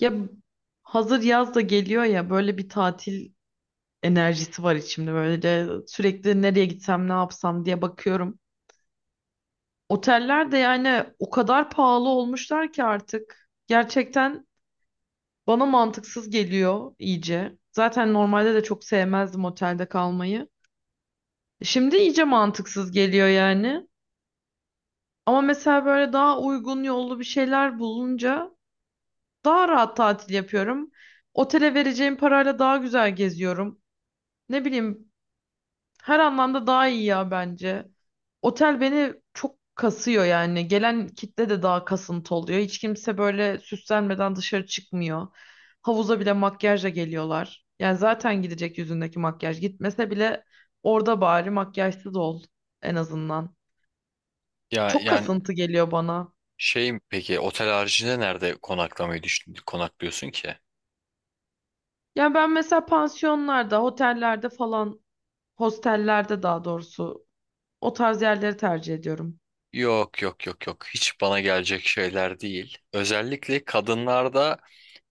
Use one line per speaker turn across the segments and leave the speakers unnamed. Ya hazır yaz da geliyor ya böyle bir tatil enerjisi var içimde böyle de sürekli nereye gitsem ne yapsam diye bakıyorum. Oteller de yani o kadar pahalı olmuşlar ki artık gerçekten bana mantıksız geliyor iyice. Zaten normalde de çok sevmezdim otelde kalmayı. Şimdi iyice mantıksız geliyor yani. Ama mesela böyle daha uygun yollu bir şeyler bulunca daha rahat tatil yapıyorum. Otele vereceğim parayla daha güzel geziyorum. Ne bileyim, her anlamda daha iyi ya bence. Otel beni çok kasıyor yani. Gelen kitle de daha kasıntı oluyor. Hiç kimse böyle süslenmeden dışarı çıkmıyor. Havuza bile makyajla geliyorlar. Yani zaten gidecek yüzündeki makyaj. Gitmese bile orada bari makyajsız ol en azından.
Ya
Çok
yani
kasıntı geliyor bana.
peki otel haricinde nerede konaklıyorsun ki?
Yani ben mesela pansiyonlarda, otellerde falan, hostellerde daha doğrusu o tarz yerleri tercih ediyorum.
Yok yok yok yok, hiç bana gelecek şeyler değil. Özellikle kadınlarda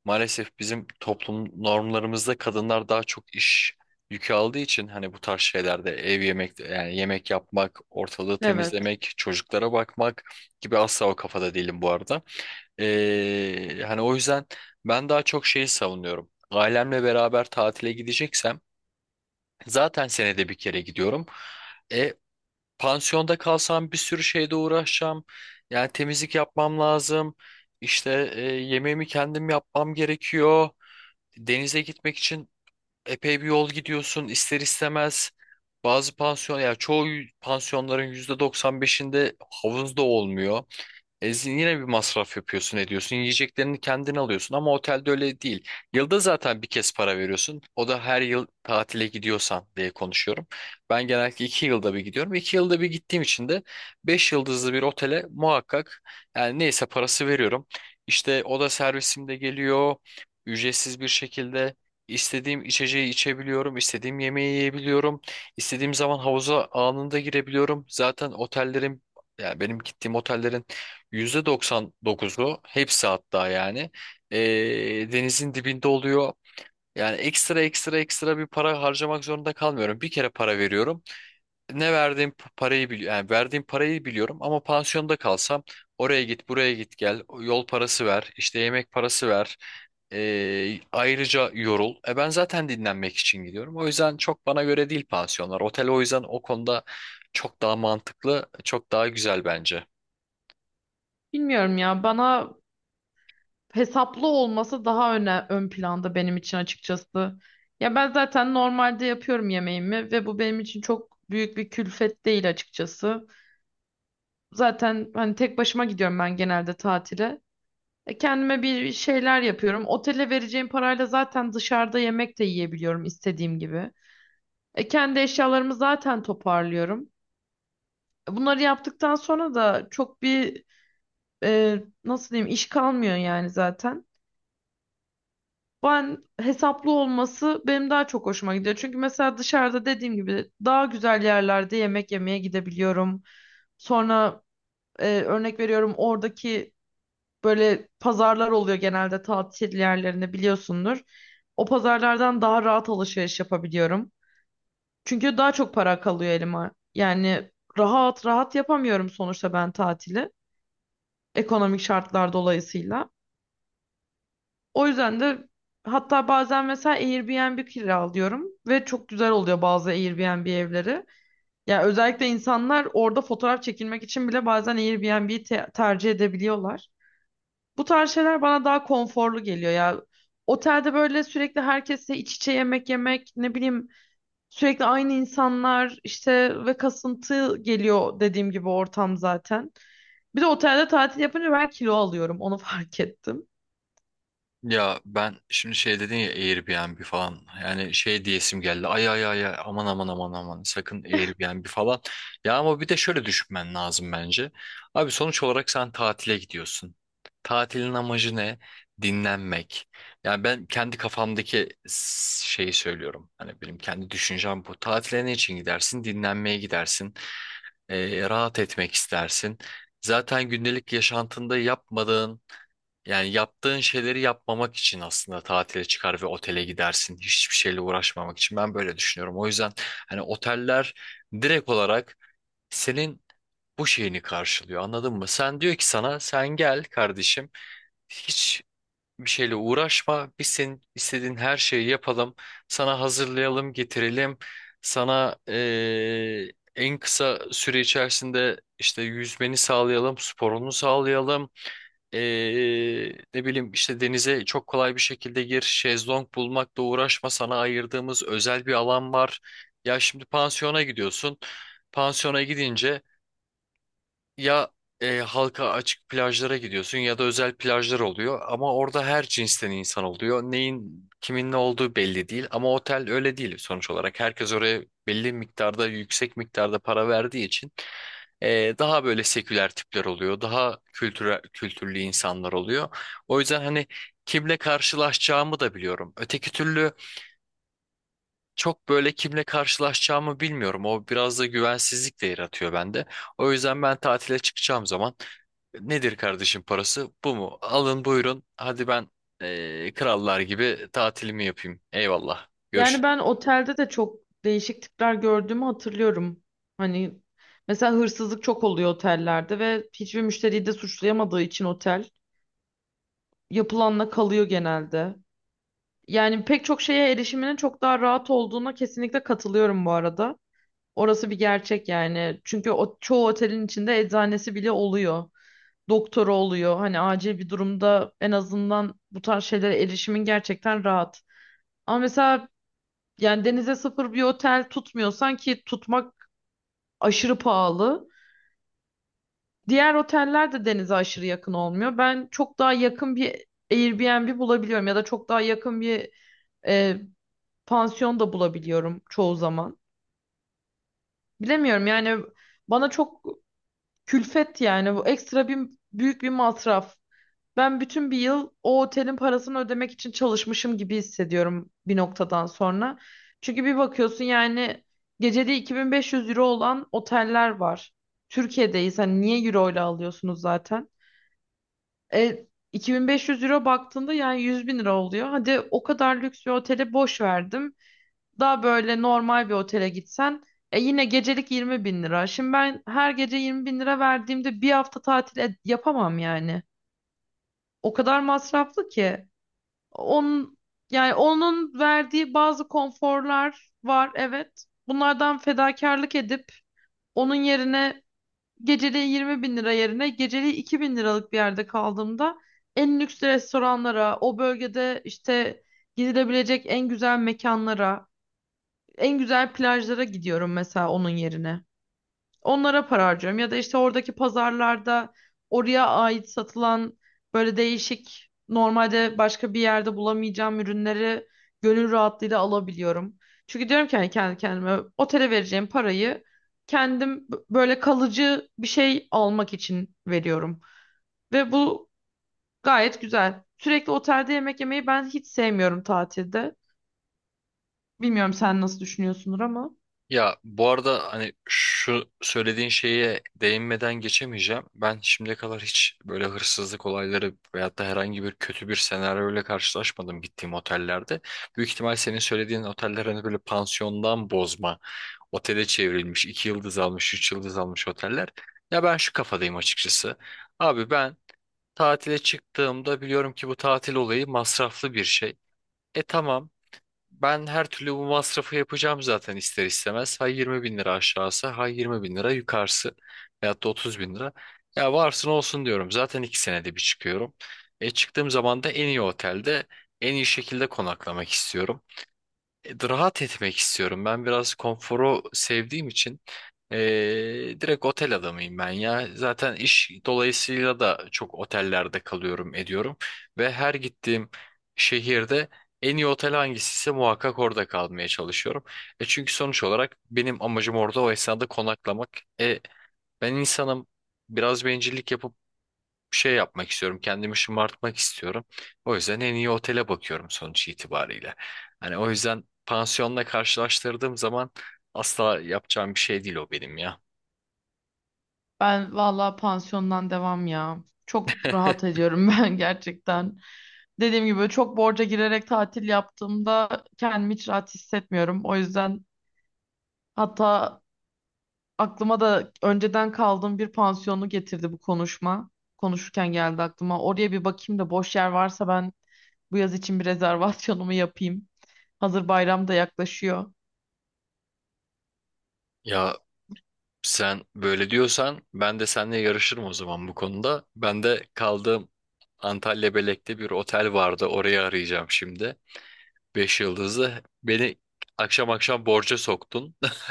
maalesef bizim toplum normlarımızda kadınlar daha çok iş yükü aldığı için hani bu tarz şeylerde ev yemek yemek yapmak, ortalığı
Evet.
temizlemek, çocuklara bakmak gibi, asla o kafada değilim bu arada. Hani o yüzden ben daha çok savunuyorum. Ailemle beraber tatile gideceksem, zaten senede bir kere gidiyorum. E, Pansiyonda kalsam bir sürü şeyle uğraşacağım. Yani temizlik yapmam lazım. İşte yemeğimi kendim yapmam gerekiyor. Denize gitmek için epey bir yol gidiyorsun ister istemez. Bazı pansiyon, yani Çoğu pansiyonların %95'inde havuz da olmuyor. Ezin yine bir masraf yapıyorsun ediyorsun. Yiyeceklerini kendin alıyorsun ama otelde öyle değil. Yılda zaten bir kez para veriyorsun. O da her yıl tatile gidiyorsan diye konuşuyorum. Ben genellikle iki yılda bir gidiyorum. İki yılda bir gittiğim için de beş yıldızlı bir otele muhakkak, yani neyse, parası veriyorum. İşte oda servisim de geliyor. Ücretsiz bir şekilde istediğim içeceği içebiliyorum, istediğim yemeği yiyebiliyorum, istediğim zaman havuza anında girebiliyorum. Zaten otellerin yani Benim gittiğim otellerin %99'u, hepsi hatta, e, denizin dibinde oluyor. Yani ekstra ekstra ekstra bir para harcamak zorunda kalmıyorum. Bir kere para veriyorum. Parayı biliyorum. Yani verdiğim parayı biliyorum, ama pansiyonda kalsam oraya git buraya git gel, yol parası ver işte, yemek parası ver, ayrıca yorul. E ben zaten dinlenmek için gidiyorum. O yüzden çok bana göre değil pansiyonlar. Otel o yüzden o konuda çok daha mantıklı, çok daha güzel bence.
Bilmiyorum ya, bana hesaplı olması daha öne, ön planda benim için açıkçası. Ya ben zaten normalde yapıyorum yemeğimi ve bu benim için çok büyük bir külfet değil açıkçası. Zaten hani tek başıma gidiyorum ben genelde tatile. Kendime bir şeyler yapıyorum. Otele vereceğim parayla zaten dışarıda yemek de yiyebiliyorum istediğim gibi. Kendi eşyalarımı zaten toparlıyorum. Bunları yaptıktan sonra da çok bir nasıl diyeyim iş kalmıyor yani zaten. Ben hesaplı olması benim daha çok hoşuma gidiyor. Çünkü mesela dışarıda dediğim gibi daha güzel yerlerde yemek yemeye gidebiliyorum. Sonra örnek veriyorum oradaki böyle pazarlar oluyor genelde tatil yerlerinde biliyorsundur. O pazarlardan daha rahat alışveriş yapabiliyorum. Çünkü daha çok para kalıyor elime. Yani rahat rahat yapamıyorum sonuçta ben tatili. Ekonomik şartlar dolayısıyla. O yüzden de hatta bazen mesela Airbnb kiralıyorum ve çok güzel oluyor bazı Airbnb evleri. Yani özellikle insanlar orada fotoğraf çekilmek için bile bazen tercih edebiliyorlar. Bu tarz şeyler bana daha konforlu geliyor ya. Otelde böyle sürekli herkesle iç içe yemek yemek, ne bileyim, sürekli aynı insanlar işte ve kasıntı geliyor dediğim gibi ortam zaten. Bir de otelde tatil yapınca ben kilo alıyorum onu fark ettim.
Ya ben şimdi dedin ya Airbnb falan, yani diyesim geldi, ay ay ay ay, aman aman aman aman, sakın Airbnb falan. Ya ama bir de şöyle düşünmen lazım bence abi. Sonuç olarak sen tatile gidiyorsun, tatilin amacı ne? Dinlenmek. Yani ben kendi kafamdaki şeyi söylüyorum, hani benim kendi düşüncem bu. Tatile ne için gidersin? Dinlenmeye gidersin. Rahat etmek istersin. Zaten gündelik yaşantında yapmadığın yani yaptığın şeyleri yapmamak için aslında tatile çıkar ve otele gidersin. Hiçbir şeyle uğraşmamak için. Ben böyle düşünüyorum. O yüzden hani oteller direkt olarak senin bu şeyini karşılıyor. Anladın mı? Sen diyor ki sana, sen gel kardeşim, Hiç bir şeyle uğraşma. Biz senin istediğin her şeyi yapalım. Sana hazırlayalım, getirelim. Sana en kısa süre içerisinde işte yüzmeni sağlayalım, sporunu sağlayalım. Ne bileyim işte, denize çok kolay bir şekilde gir, şezlong bulmakla uğraşma, sana ayırdığımız özel bir alan var. Ya şimdi pansiyona gidiyorsun. Pansiyona gidince ya halka açık plajlara gidiyorsun ya da özel plajlar oluyor, ama orada her cinsten insan oluyor. Neyin kimin ne olduğu belli değil, ama otel öyle değil sonuç olarak. Herkes oraya belli miktarda, yüksek miktarda para verdiği için daha böyle seküler tipler oluyor, daha kültürel, kültürlü insanlar oluyor. O yüzden hani kimle karşılaşacağımı da biliyorum. Öteki türlü çok böyle kimle karşılaşacağımı bilmiyorum. O biraz da güvensizlik de yaratıyor bende. O yüzden ben tatile çıkacağım zaman, nedir kardeşim parası? Bu mu? Alın buyurun. Hadi ben krallar gibi tatilimi yapayım. Eyvallah. Görüşün.
Yani ben otelde de çok değişik tipler gördüğümü hatırlıyorum. Hani mesela hırsızlık çok oluyor otellerde ve hiçbir müşteriyi de suçlayamadığı için otel yapılanla kalıyor genelde. Yani pek çok şeye erişiminin çok daha rahat olduğuna kesinlikle katılıyorum bu arada. Orası bir gerçek yani. Çünkü o, çoğu otelin içinde eczanesi bile oluyor. Doktoru oluyor. Hani acil bir durumda en azından bu tarz şeylere erişimin gerçekten rahat. Ama mesela yani denize sıfır bir otel tutmuyorsan ki tutmak aşırı pahalı. Diğer oteller de denize aşırı yakın olmuyor. Ben çok daha yakın bir Airbnb bulabiliyorum ya da çok daha yakın bir e, pansiyon da bulabiliyorum çoğu zaman. Bilemiyorum yani, bana çok külfet, yani bu ekstra bir, büyük bir masraf. Ben bütün bir yıl o otelin parasını ödemek için çalışmışım gibi hissediyorum bir noktadan sonra. Çünkü bir bakıyorsun yani gecede 2500 euro olan oteller var. Türkiye'deyiz hani niye euro ile alıyorsunuz zaten? E, 2500 euro baktığında yani 100 bin lira oluyor. Hadi o kadar lüks bir otele boş verdim. Daha böyle normal bir otele gitsen e yine gecelik 20 bin lira. Şimdi ben her gece 20 bin lira verdiğimde bir hafta tatil yapamam yani. O kadar masraflı ki. Onun onun verdiği bazı konforlar var evet. Bunlardan fedakarlık edip onun yerine geceliği 20 bin lira yerine geceliği 2 bin liralık bir yerde kaldığımda en lüks restoranlara, o bölgede işte gidilebilecek en güzel mekanlara, en güzel plajlara gidiyorum mesela onun yerine. Onlara para harcıyorum. Ya da işte oradaki pazarlarda oraya ait satılan böyle değişik normalde başka bir yerde bulamayacağım ürünleri gönül rahatlığıyla alabiliyorum. Çünkü diyorum ki hani kendi kendime otele vereceğim parayı böyle kalıcı bir şey almak için veriyorum. Ve bu gayet güzel. Sürekli otelde yemek yemeyi ben hiç sevmiyorum tatilde. Bilmiyorum sen nasıl düşünüyorsundur ama.
Ya bu arada hani şu söylediğin şeye değinmeden geçemeyeceğim. Ben şimdiye kadar hiç böyle hırsızlık olayları veyahut da herhangi bir kötü bir senaryoyla karşılaşmadım gittiğim otellerde. Büyük ihtimal senin söylediğin oteller hani böyle pansiyondan bozma, otele çevrilmiş, iki yıldız almış, üç yıldız almış oteller. Ya ben şu kafadayım açıkçası. Abi ben, tatile çıktığımda biliyorum ki bu tatil olayı masraflı bir şey. E tamam, ben her türlü bu masrafı yapacağım zaten ister istemez. Ha 20 bin lira aşağısı, ha 20 bin lira yukarısı, veyahut da 30 bin lira. Ya varsın olsun diyorum, zaten iki senede bir çıkıyorum. E çıktığım zaman da en iyi otelde en iyi şekilde konaklamak istiyorum, rahat etmek istiyorum. Ben biraz konforu sevdiğim için e, direkt otel adamıyım ben ya. Zaten iş dolayısıyla da çok otellerde kalıyorum ediyorum. Ve her gittiğim şehirde en iyi otel hangisiyse muhakkak orada kalmaya çalışıyorum. E çünkü sonuç olarak benim amacım orada o esnada konaklamak. E, Ben insanım, biraz bencillik yapıp bir şey yapmak istiyorum. Kendimi şımartmak istiyorum. O yüzden en iyi otele bakıyorum sonuç itibariyle. Hani o yüzden pansiyonla karşılaştırdığım zaman asla yapacağım bir şey değil o benim ya.
Ben vallahi pansiyondan devam ya. Çok rahat ediyorum ben gerçekten. Dediğim gibi çok borca girerek tatil yaptığımda kendimi hiç rahat hissetmiyorum. O yüzden hatta aklıma da önceden kaldığım bir pansiyonu getirdi bu konuşma. Konuşurken geldi aklıma. Oraya bir bakayım da boş yer varsa ben bu yaz için bir rezervasyonumu yapayım. Hazır bayram da yaklaşıyor.
Ya sen böyle diyorsan ben de seninle yarışırım o zaman bu konuda. Ben de kaldığım Antalya Belek'te bir otel vardı, orayı arayacağım şimdi. Beş yıldızlı. Beni akşam akşam borca soktun.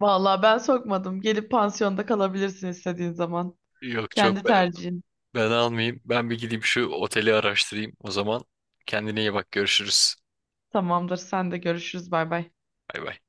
Vallahi ben sokmadım. Gelip pansiyonda kalabilirsin istediğin zaman.
Yok, çok.
Kendi tercihin.
Ben almayayım. Ben bir gideyim şu oteli araştırayım o zaman. Kendine iyi bak. Görüşürüz.
Tamamdır. Sen de görüşürüz. Bay bay.
Bay bay.